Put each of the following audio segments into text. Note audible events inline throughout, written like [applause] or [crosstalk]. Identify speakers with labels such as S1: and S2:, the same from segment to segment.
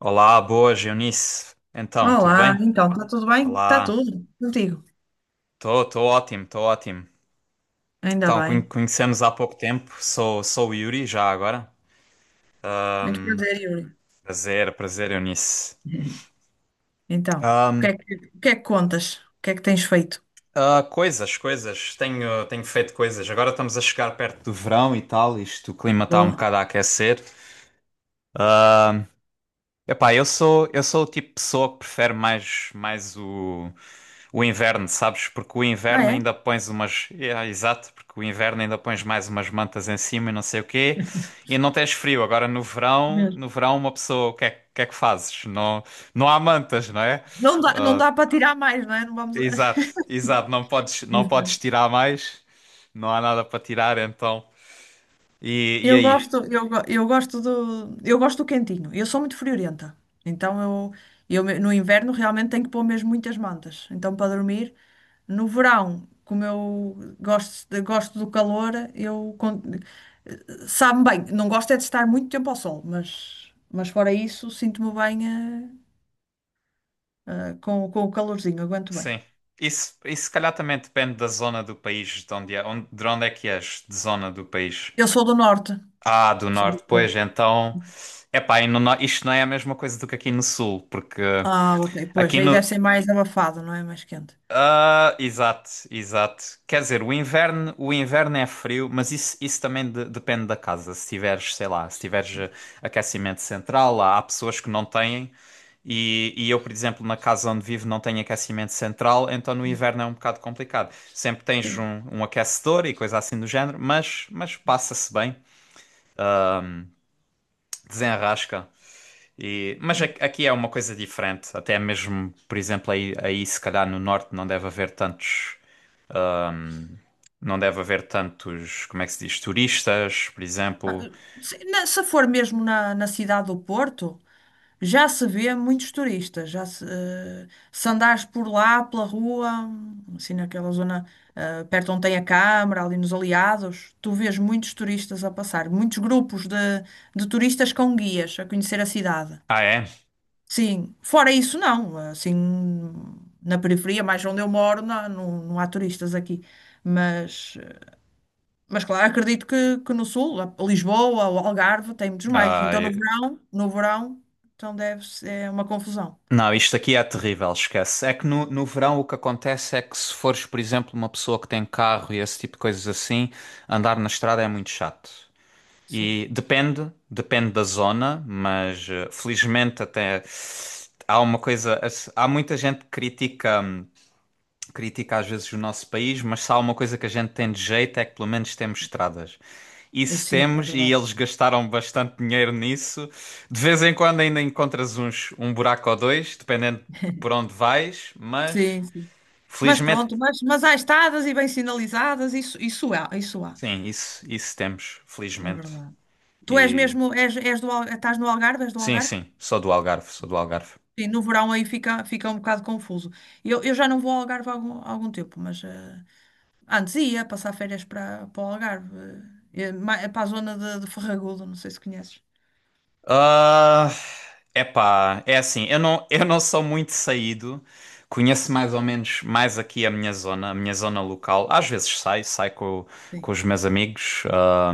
S1: Olá, boas, Eunice. Então, tudo
S2: Olá,
S1: bem?
S2: então, está tudo bem? Está
S1: Olá,
S2: tudo, contigo.
S1: estou tô ótimo, estou ótimo.
S2: Ainda
S1: Então,
S2: bem.
S1: conhecemos há pouco tempo, sou o Yuri já agora.
S2: Muito prazer, Yuri.
S1: Prazer, prazer, Eunice.
S2: [laughs] Então, o que
S1: Ahm,
S2: é que, o que é que contas? O que é que tens feito?
S1: coisas, coisas, tenho, tenho feito coisas. Agora estamos a chegar perto do verão e tal, isto, o clima está um
S2: Boa.
S1: bocado a aquecer. Ahm, epá, eu sou o tipo de pessoa que prefere mais, mais o. O inverno, sabes? Porque o
S2: Ah,
S1: inverno
S2: é?
S1: ainda pões umas. É, exato, porque o inverno ainda pões mais umas mantas em cima e não sei o quê. E não tens frio. Agora no verão,
S2: Mesmo.
S1: no verão uma pessoa, o que é que fazes? Não, não há mantas, não é?
S2: Não dá, não dá para tirar mais, não é? Não vamos.
S1: Exato, exato. Não podes
S2: [laughs]
S1: tirar mais. Não há nada para tirar, então. E aí?
S2: Eu gosto do quentinho. Eu sou muito friorenta. Então, no inverno realmente tenho que pôr mesmo muitas mantas. Então, para dormir, no verão, como eu gosto, gosto do calor, Sabe-me bem, não gosto é de estar muito tempo ao sol, mas fora isso, sinto-me bem, com o calorzinho, aguento bem.
S1: Sim. Isso se calhar também depende da zona do país, de onde é, onde, de onde é que és, de zona do país.
S2: Eu sou do norte,
S1: Ah, do
S2: sou do
S1: norte, pois
S2: Porto.
S1: então. Epá, e no, isto não é a mesma coisa do que aqui no sul, porque
S2: Ah, ok, pois,
S1: aqui
S2: aí deve
S1: no.
S2: ser mais abafado, não é? Mais quente.
S1: Ah, exato, exato. Quer dizer, o inverno é frio, mas isso também depende da casa. Se tiveres, sei lá, se tiveres aquecimento central, há, há pessoas que não têm. E eu, por exemplo, na casa onde vivo não tenho aquecimento central, então no inverno é um bocado complicado. Sempre tens
S2: Sim.
S1: um, um aquecedor e coisa assim do género, mas passa-se bem, desenrasca. E, mas aqui é uma coisa diferente. Até mesmo, por exemplo, aí, aí se calhar no norte não deve haver tantos, não deve haver tantos, como é que se diz, turistas, por
S2: Ah,
S1: exemplo.
S2: Se for mesmo na cidade do Porto, já se vê muitos turistas. Já se, eh, Se andares por lá, pela rua, assim naquela zona, perto onde tem a Câmara, ali nos Aliados, tu vês muitos turistas a passar, muitos grupos de turistas com guias a conhecer a cidade.
S1: Ah, é?
S2: Sim, fora isso não, assim na periferia, mais onde eu moro, não, não, não há turistas aqui. Mas, eh, mas claro, acredito que no sul, Lisboa, o Algarve, tem muitos mais.
S1: Ah,
S2: Então no verão, no verão, então deve ser uma confusão.
S1: não, isto aqui é terrível, esquece. É que no, no verão o que acontece é que se fores, por exemplo, uma pessoa que tem carro e esse tipo de coisas assim, andar na estrada é muito chato.
S2: Sim,
S1: E depende, depende da zona, mas felizmente até há uma coisa, há muita gente que critica. Critica às vezes o nosso país, mas se há uma coisa que a gente tem de jeito é que pelo menos temos estradas.
S2: eu
S1: Isso
S2: sim, é
S1: temos e
S2: verdade.
S1: eles gastaram bastante dinheiro nisso. De vez em quando ainda encontras uns, um buraco ou dois, dependendo por onde vais, mas
S2: Sim, sim. Mas
S1: felizmente,
S2: pronto, mas há estadas e bem sinalizadas, isso, isso há,
S1: sim, isso temos,
S2: é
S1: felizmente.
S2: verdade. Tu és
S1: E
S2: mesmo, és estás no Algarve, és do
S1: sim,
S2: Algarve?
S1: sim, sou do Algarve, sou do Algarve.
S2: Sim, no verão aí fica um bocado confuso. Eu já não vou ao Algarve há algum tempo, mas antes ia passar férias para o Algarve, para a zona de Ferragudo, não sei se conheces.
S1: Ah, epá, é assim, eu não sou muito saído, conheço mais ou menos mais aqui a minha zona local. Às vezes saio, saio
S2: Sim.
S1: com os meus amigos. Ah,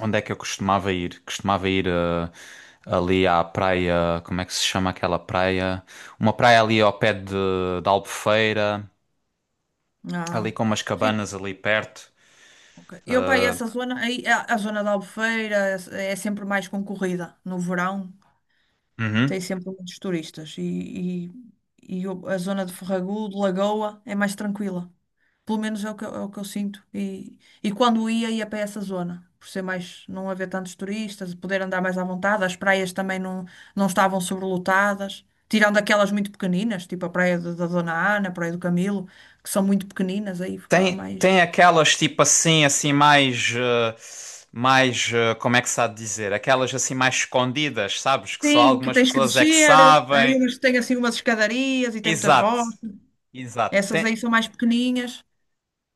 S1: onde é que eu costumava ir? Costumava ir ali à praia, como é que se chama aquela praia? Uma praia ali ao pé de Albufeira, ali
S2: Ah,
S1: com umas
S2: sim.
S1: cabanas ali perto.
S2: Ok. Eu para
S1: Ah,
S2: essa zona, aí, a zona da Albufeira é sempre mais concorrida no verão. Tem
S1: uhum.
S2: sempre muitos turistas. A zona de Ferragudo, de Lagoa, é mais tranquila. Pelo menos é é o que eu sinto. E quando ia para essa zona. Por ser mais, não haver tantos turistas, poder andar mais à vontade. As praias também não estavam sobrelotadas. Tirando aquelas muito pequeninas, tipo a praia da Dona Ana, a praia do Camilo, que são muito pequeninas, aí ficava
S1: Tem,
S2: mais.
S1: tem aquelas tipo assim, assim mais, mais, como é que se há de dizer? Aquelas assim mais escondidas, sabes? Que só
S2: Sim, que
S1: algumas
S2: tens que
S1: pessoas é que
S2: descer. Aí
S1: sabem.
S2: umas que têm assim umas escadarias e tem muitas
S1: Exato,
S2: rochas.
S1: exato.
S2: Essas
S1: Tem,
S2: aí são mais pequenininhas.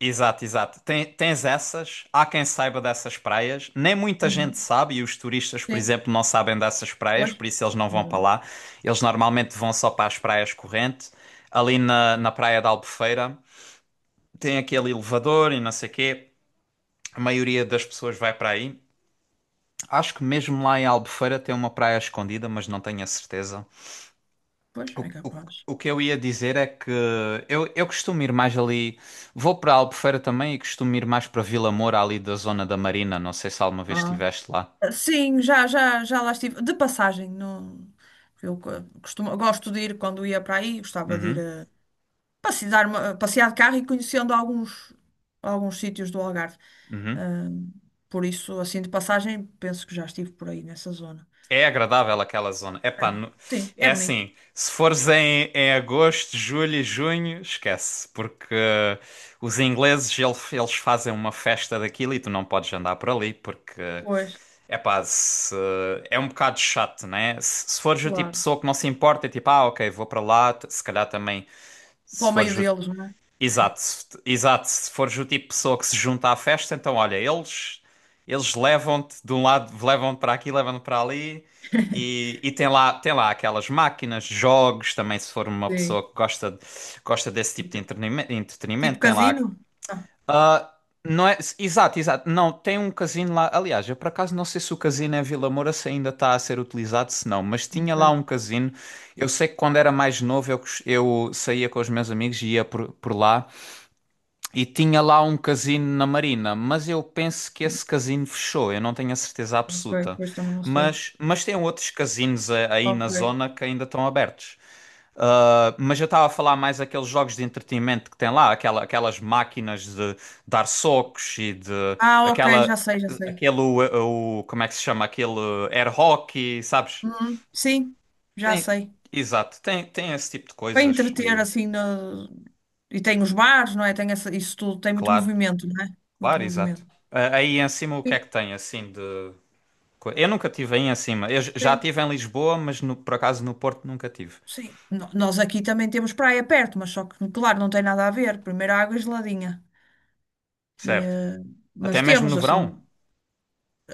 S1: exato, exato. Tem, tens essas, há quem saiba dessas praias. Nem muita gente
S2: Hum.
S1: sabe, e os turistas, por
S2: Sim.
S1: exemplo, não sabem dessas praias,
S2: Pois.
S1: por isso eles não vão para
S2: Exato.
S1: lá. Eles normalmente vão só para as praias corrente. Ali na, na praia da Albufeira tem aquele elevador e não sei o quê. A maioria das pessoas vai para aí. Acho que mesmo lá em Albufeira tem uma praia escondida, mas não tenho a certeza.
S2: Pois,
S1: O,
S2: é
S1: o-
S2: capaz.
S1: o que eu ia dizer é que eu costumo ir mais ali. Vou para Albufeira também e costumo ir mais para Vila Moura, ali da zona da Marina. Não sei se alguma vez
S2: Ah.
S1: estiveste lá.
S2: Sim, já lá estive. De passagem, não. eu co- Costumo, gosto de ir quando ia para aí, gostava de ir
S1: Uhum,
S2: a passear, passear de carro e conhecendo alguns sítios do Algarve. Ah,
S1: uhum.
S2: por isso, assim, de passagem, penso que já estive por aí nessa zona.
S1: É agradável aquela zona.
S2: É.
S1: Epá,
S2: Sim, é
S1: é
S2: bonito.
S1: assim, se fores em, em agosto, julho e junho, esquece, porque os ingleses eles fazem uma festa daquilo e tu não podes andar por ali, porque
S2: Pois,
S1: epá, se, é um bocado chato, né? Se fores o tipo de
S2: claro.
S1: pessoa que não se importa, é tipo, ah, ok, vou para lá, se calhar também,
S2: Para
S1: se
S2: o meio
S1: fores o...
S2: deles, não é?
S1: Exato, se fores o tipo de pessoa que se junta à festa, então olha, eles levam-te de um lado, levam-te para aqui, levam-te para ali
S2: [laughs]
S1: e tem lá aquelas máquinas, jogos, também se for uma
S2: Sim.
S1: pessoa que gosta, gosta desse tipo de
S2: Tipo
S1: entretenimento, tem lá
S2: casino? Não.
S1: ah, não é, exato, exato. Não, tem um casino lá. Aliás, eu por acaso não sei se o casino em Vila Moura se ainda está a ser utilizado, se não, mas tinha
S2: Ok,
S1: lá um casino. Eu sei que quando era mais novo eu, eu saía com os meus amigos e ia por lá e tinha lá um casino na Marina, mas eu penso que esse casino fechou, eu não tenho a certeza
S2: ok,
S1: absoluta.
S2: pois também não sei.
S1: Mas tem outros casinos aí na
S2: Ok.
S1: zona que ainda estão abertos. Mas eu estava a falar mais aqueles jogos de entretenimento que tem lá, aquela, aquelas máquinas de dar socos e de
S2: Ah, ok, já
S1: aquela,
S2: sei, já sei.
S1: aquele, o, como é que se chama? Aquele air hockey, sabes?
S2: Uhum, sim, já
S1: Tem,
S2: sei.
S1: exato, tem, tem esse tipo de
S2: Para
S1: coisas
S2: entreter
S1: e
S2: assim no... e tem os bares, não é? Tem isso tudo, tem muito
S1: claro,
S2: movimento, não é? Muito
S1: claro, exato.
S2: movimento.
S1: Ah, aí em cima o que é
S2: Sim,
S1: que tem assim de. Eu nunca tive aí em cima. Eu já
S2: sim,
S1: tive em Lisboa, mas por acaso no Porto nunca tive.
S2: sim. Nós aqui também temos praia perto, mas só que, claro, não tem nada a ver. Primeiro a água é geladinha. E,
S1: Certo.
S2: eh,
S1: Até
S2: Mas
S1: mesmo no
S2: temos assim,
S1: verão?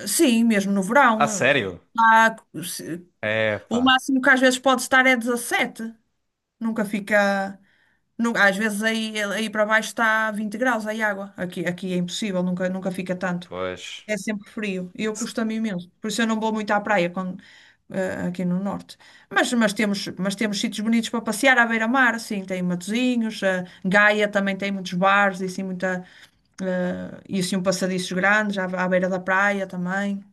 S2: sim, mesmo no
S1: A
S2: verão.
S1: sério?
S2: Se-
S1: É,
S2: O
S1: pá.
S2: máximo que às vezes pode estar é 17. Nunca fica. Às vezes aí para baixo está 20 graus aí água. Aqui é impossível, nunca fica tanto.
S1: Pois.
S2: É sempre frio e eu custa-me imenso. Por isso eu não vou muito à praia quando, aqui no norte. Mas temos sítios bonitos para passear à beira-mar, assim, tem Matosinhos, Gaia também tem muitos bares e assim, e assim um passadiços grandes à beira da praia também.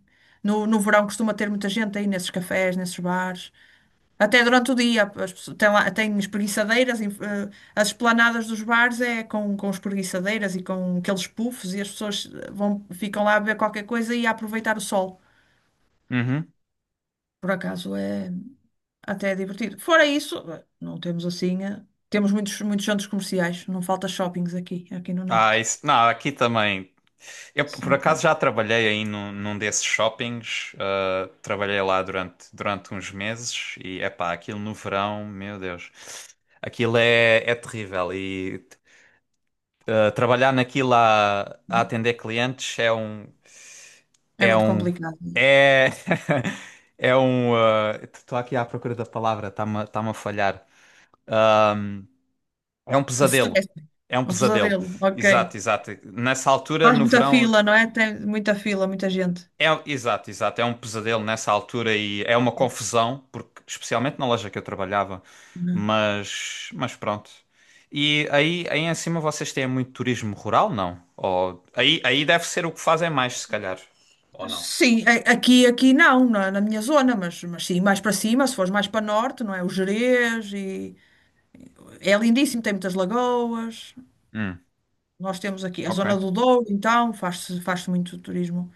S2: No verão costuma ter muita gente aí nesses cafés, nesses bares. Até durante o dia, as pessoas- tem, lá- tem espreguiçadeiras, as esplanadas dos bares é com espreguiçadeiras e com aqueles puffs e as pessoas ficam lá a beber qualquer coisa e a aproveitar o sol.
S1: Uhum.
S2: Por acaso é até divertido. Fora isso, não temos assim, temos muitos, muitos centros comerciais, não falta shoppings aqui no
S1: Ah,
S2: norte.
S1: isso, não, aqui também. Eu
S2: Isso
S1: por
S2: não
S1: acaso já
S2: falta.
S1: trabalhei aí num, num desses shoppings. Trabalhei lá durante, durante uns meses e epá, aquilo no verão, meu Deus, aquilo é, é terrível. E trabalhar naquilo a atender clientes é um,
S2: É
S1: é
S2: muito
S1: um,
S2: complicado, né?
S1: é, [laughs] é um. Estou aqui à procura da palavra, está-me, está-me a falhar. É um
S2: O
S1: pesadelo.
S2: stress,
S1: É um
S2: o
S1: pesadelo.
S2: pesadelo, ok.
S1: Exato, exato. Nessa altura,
S2: Faz
S1: no
S2: muita
S1: verão,
S2: fila, não é? Tem muita fila, muita gente.
S1: é, exato, exato. É um pesadelo nessa altura e é uma confusão, porque especialmente na loja que eu trabalhava, mas pronto. E aí, aí em cima vocês têm muito turismo rural, não? Ou, aí, aí deve ser o que fazem mais, se calhar. Ou não?
S2: Sim, aqui não, na minha zona, mas sim, mais para cima, se fores mais para norte, não é? O Gerês e é lindíssimo, tem muitas lagoas.
S1: Hum,
S2: Nós temos aqui a
S1: ok.
S2: zona do Douro, então faz-se muito turismo.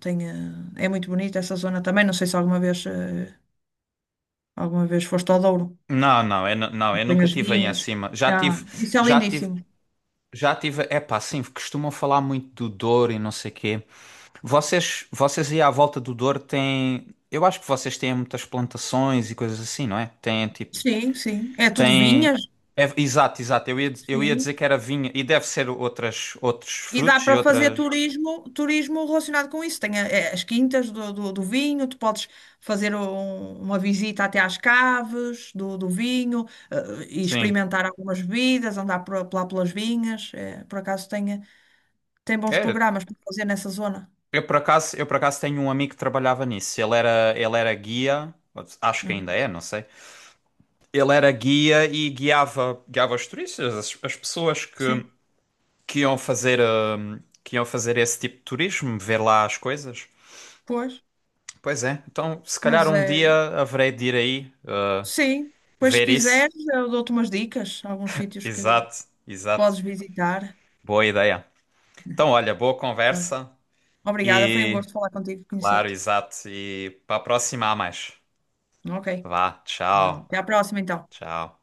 S2: Tem, eh, É muito bonita essa zona também. Não sei se alguma vez foste ao Douro.
S1: Não, não, eu, não, eu
S2: Tem
S1: nunca
S2: as
S1: tive aí em
S2: vinhas.
S1: cima. Já
S2: Ah,
S1: tive,
S2: isso é
S1: já tive,
S2: lindíssimo.
S1: já tive. É pá, sim, costumam falar muito do Douro e não sei quê. Vocês, vocês aí à volta do Douro têm. Eu acho que vocês têm muitas plantações e coisas assim, não é? Têm tipo.
S2: Sim, sim. É tudo
S1: Têm.
S2: vinhas.
S1: Exato, exato. Eu ia dizer
S2: Sim.
S1: que era vinha e deve ser outras, outros
S2: E dá
S1: frutos e
S2: para fazer
S1: outras.
S2: turismo, turismo relacionado com isso. Tem as quintas do vinho, tu podes fazer uma visita até às caves do vinho, e
S1: Sim.
S2: experimentar algumas bebidas, andar lá pelas vinhas. Por acaso tem bons
S1: É.
S2: programas para fazer nessa zona.
S1: Eu por acaso tenho um amigo que trabalhava nisso. Ele era guia. Acho que ainda
S2: Uhum.
S1: é, não sei. Ele era guia e guiava, guiava os turistas, as pessoas
S2: Sim,
S1: que iam fazer esse tipo de turismo, ver lá as coisas.
S2: pois.
S1: Pois é, então se calhar
S2: Mas
S1: um dia
S2: é.
S1: haverei de ir aí
S2: Sim, pois se
S1: ver isso.
S2: quiseres, eu dou-te umas dicas, alguns sítios que
S1: Exato, exato.
S2: podes visitar.
S1: Boa ideia. Então, olha, boa
S2: Ah.
S1: conversa
S2: Obrigada, foi um
S1: e,
S2: gosto falar contigo,
S1: claro,
S2: conhecer-te.
S1: exato. E para a próxima há mais.
S2: Ok.
S1: Vá,
S2: Tchau.
S1: tchau,
S2: Até à próxima, então.
S1: tchau.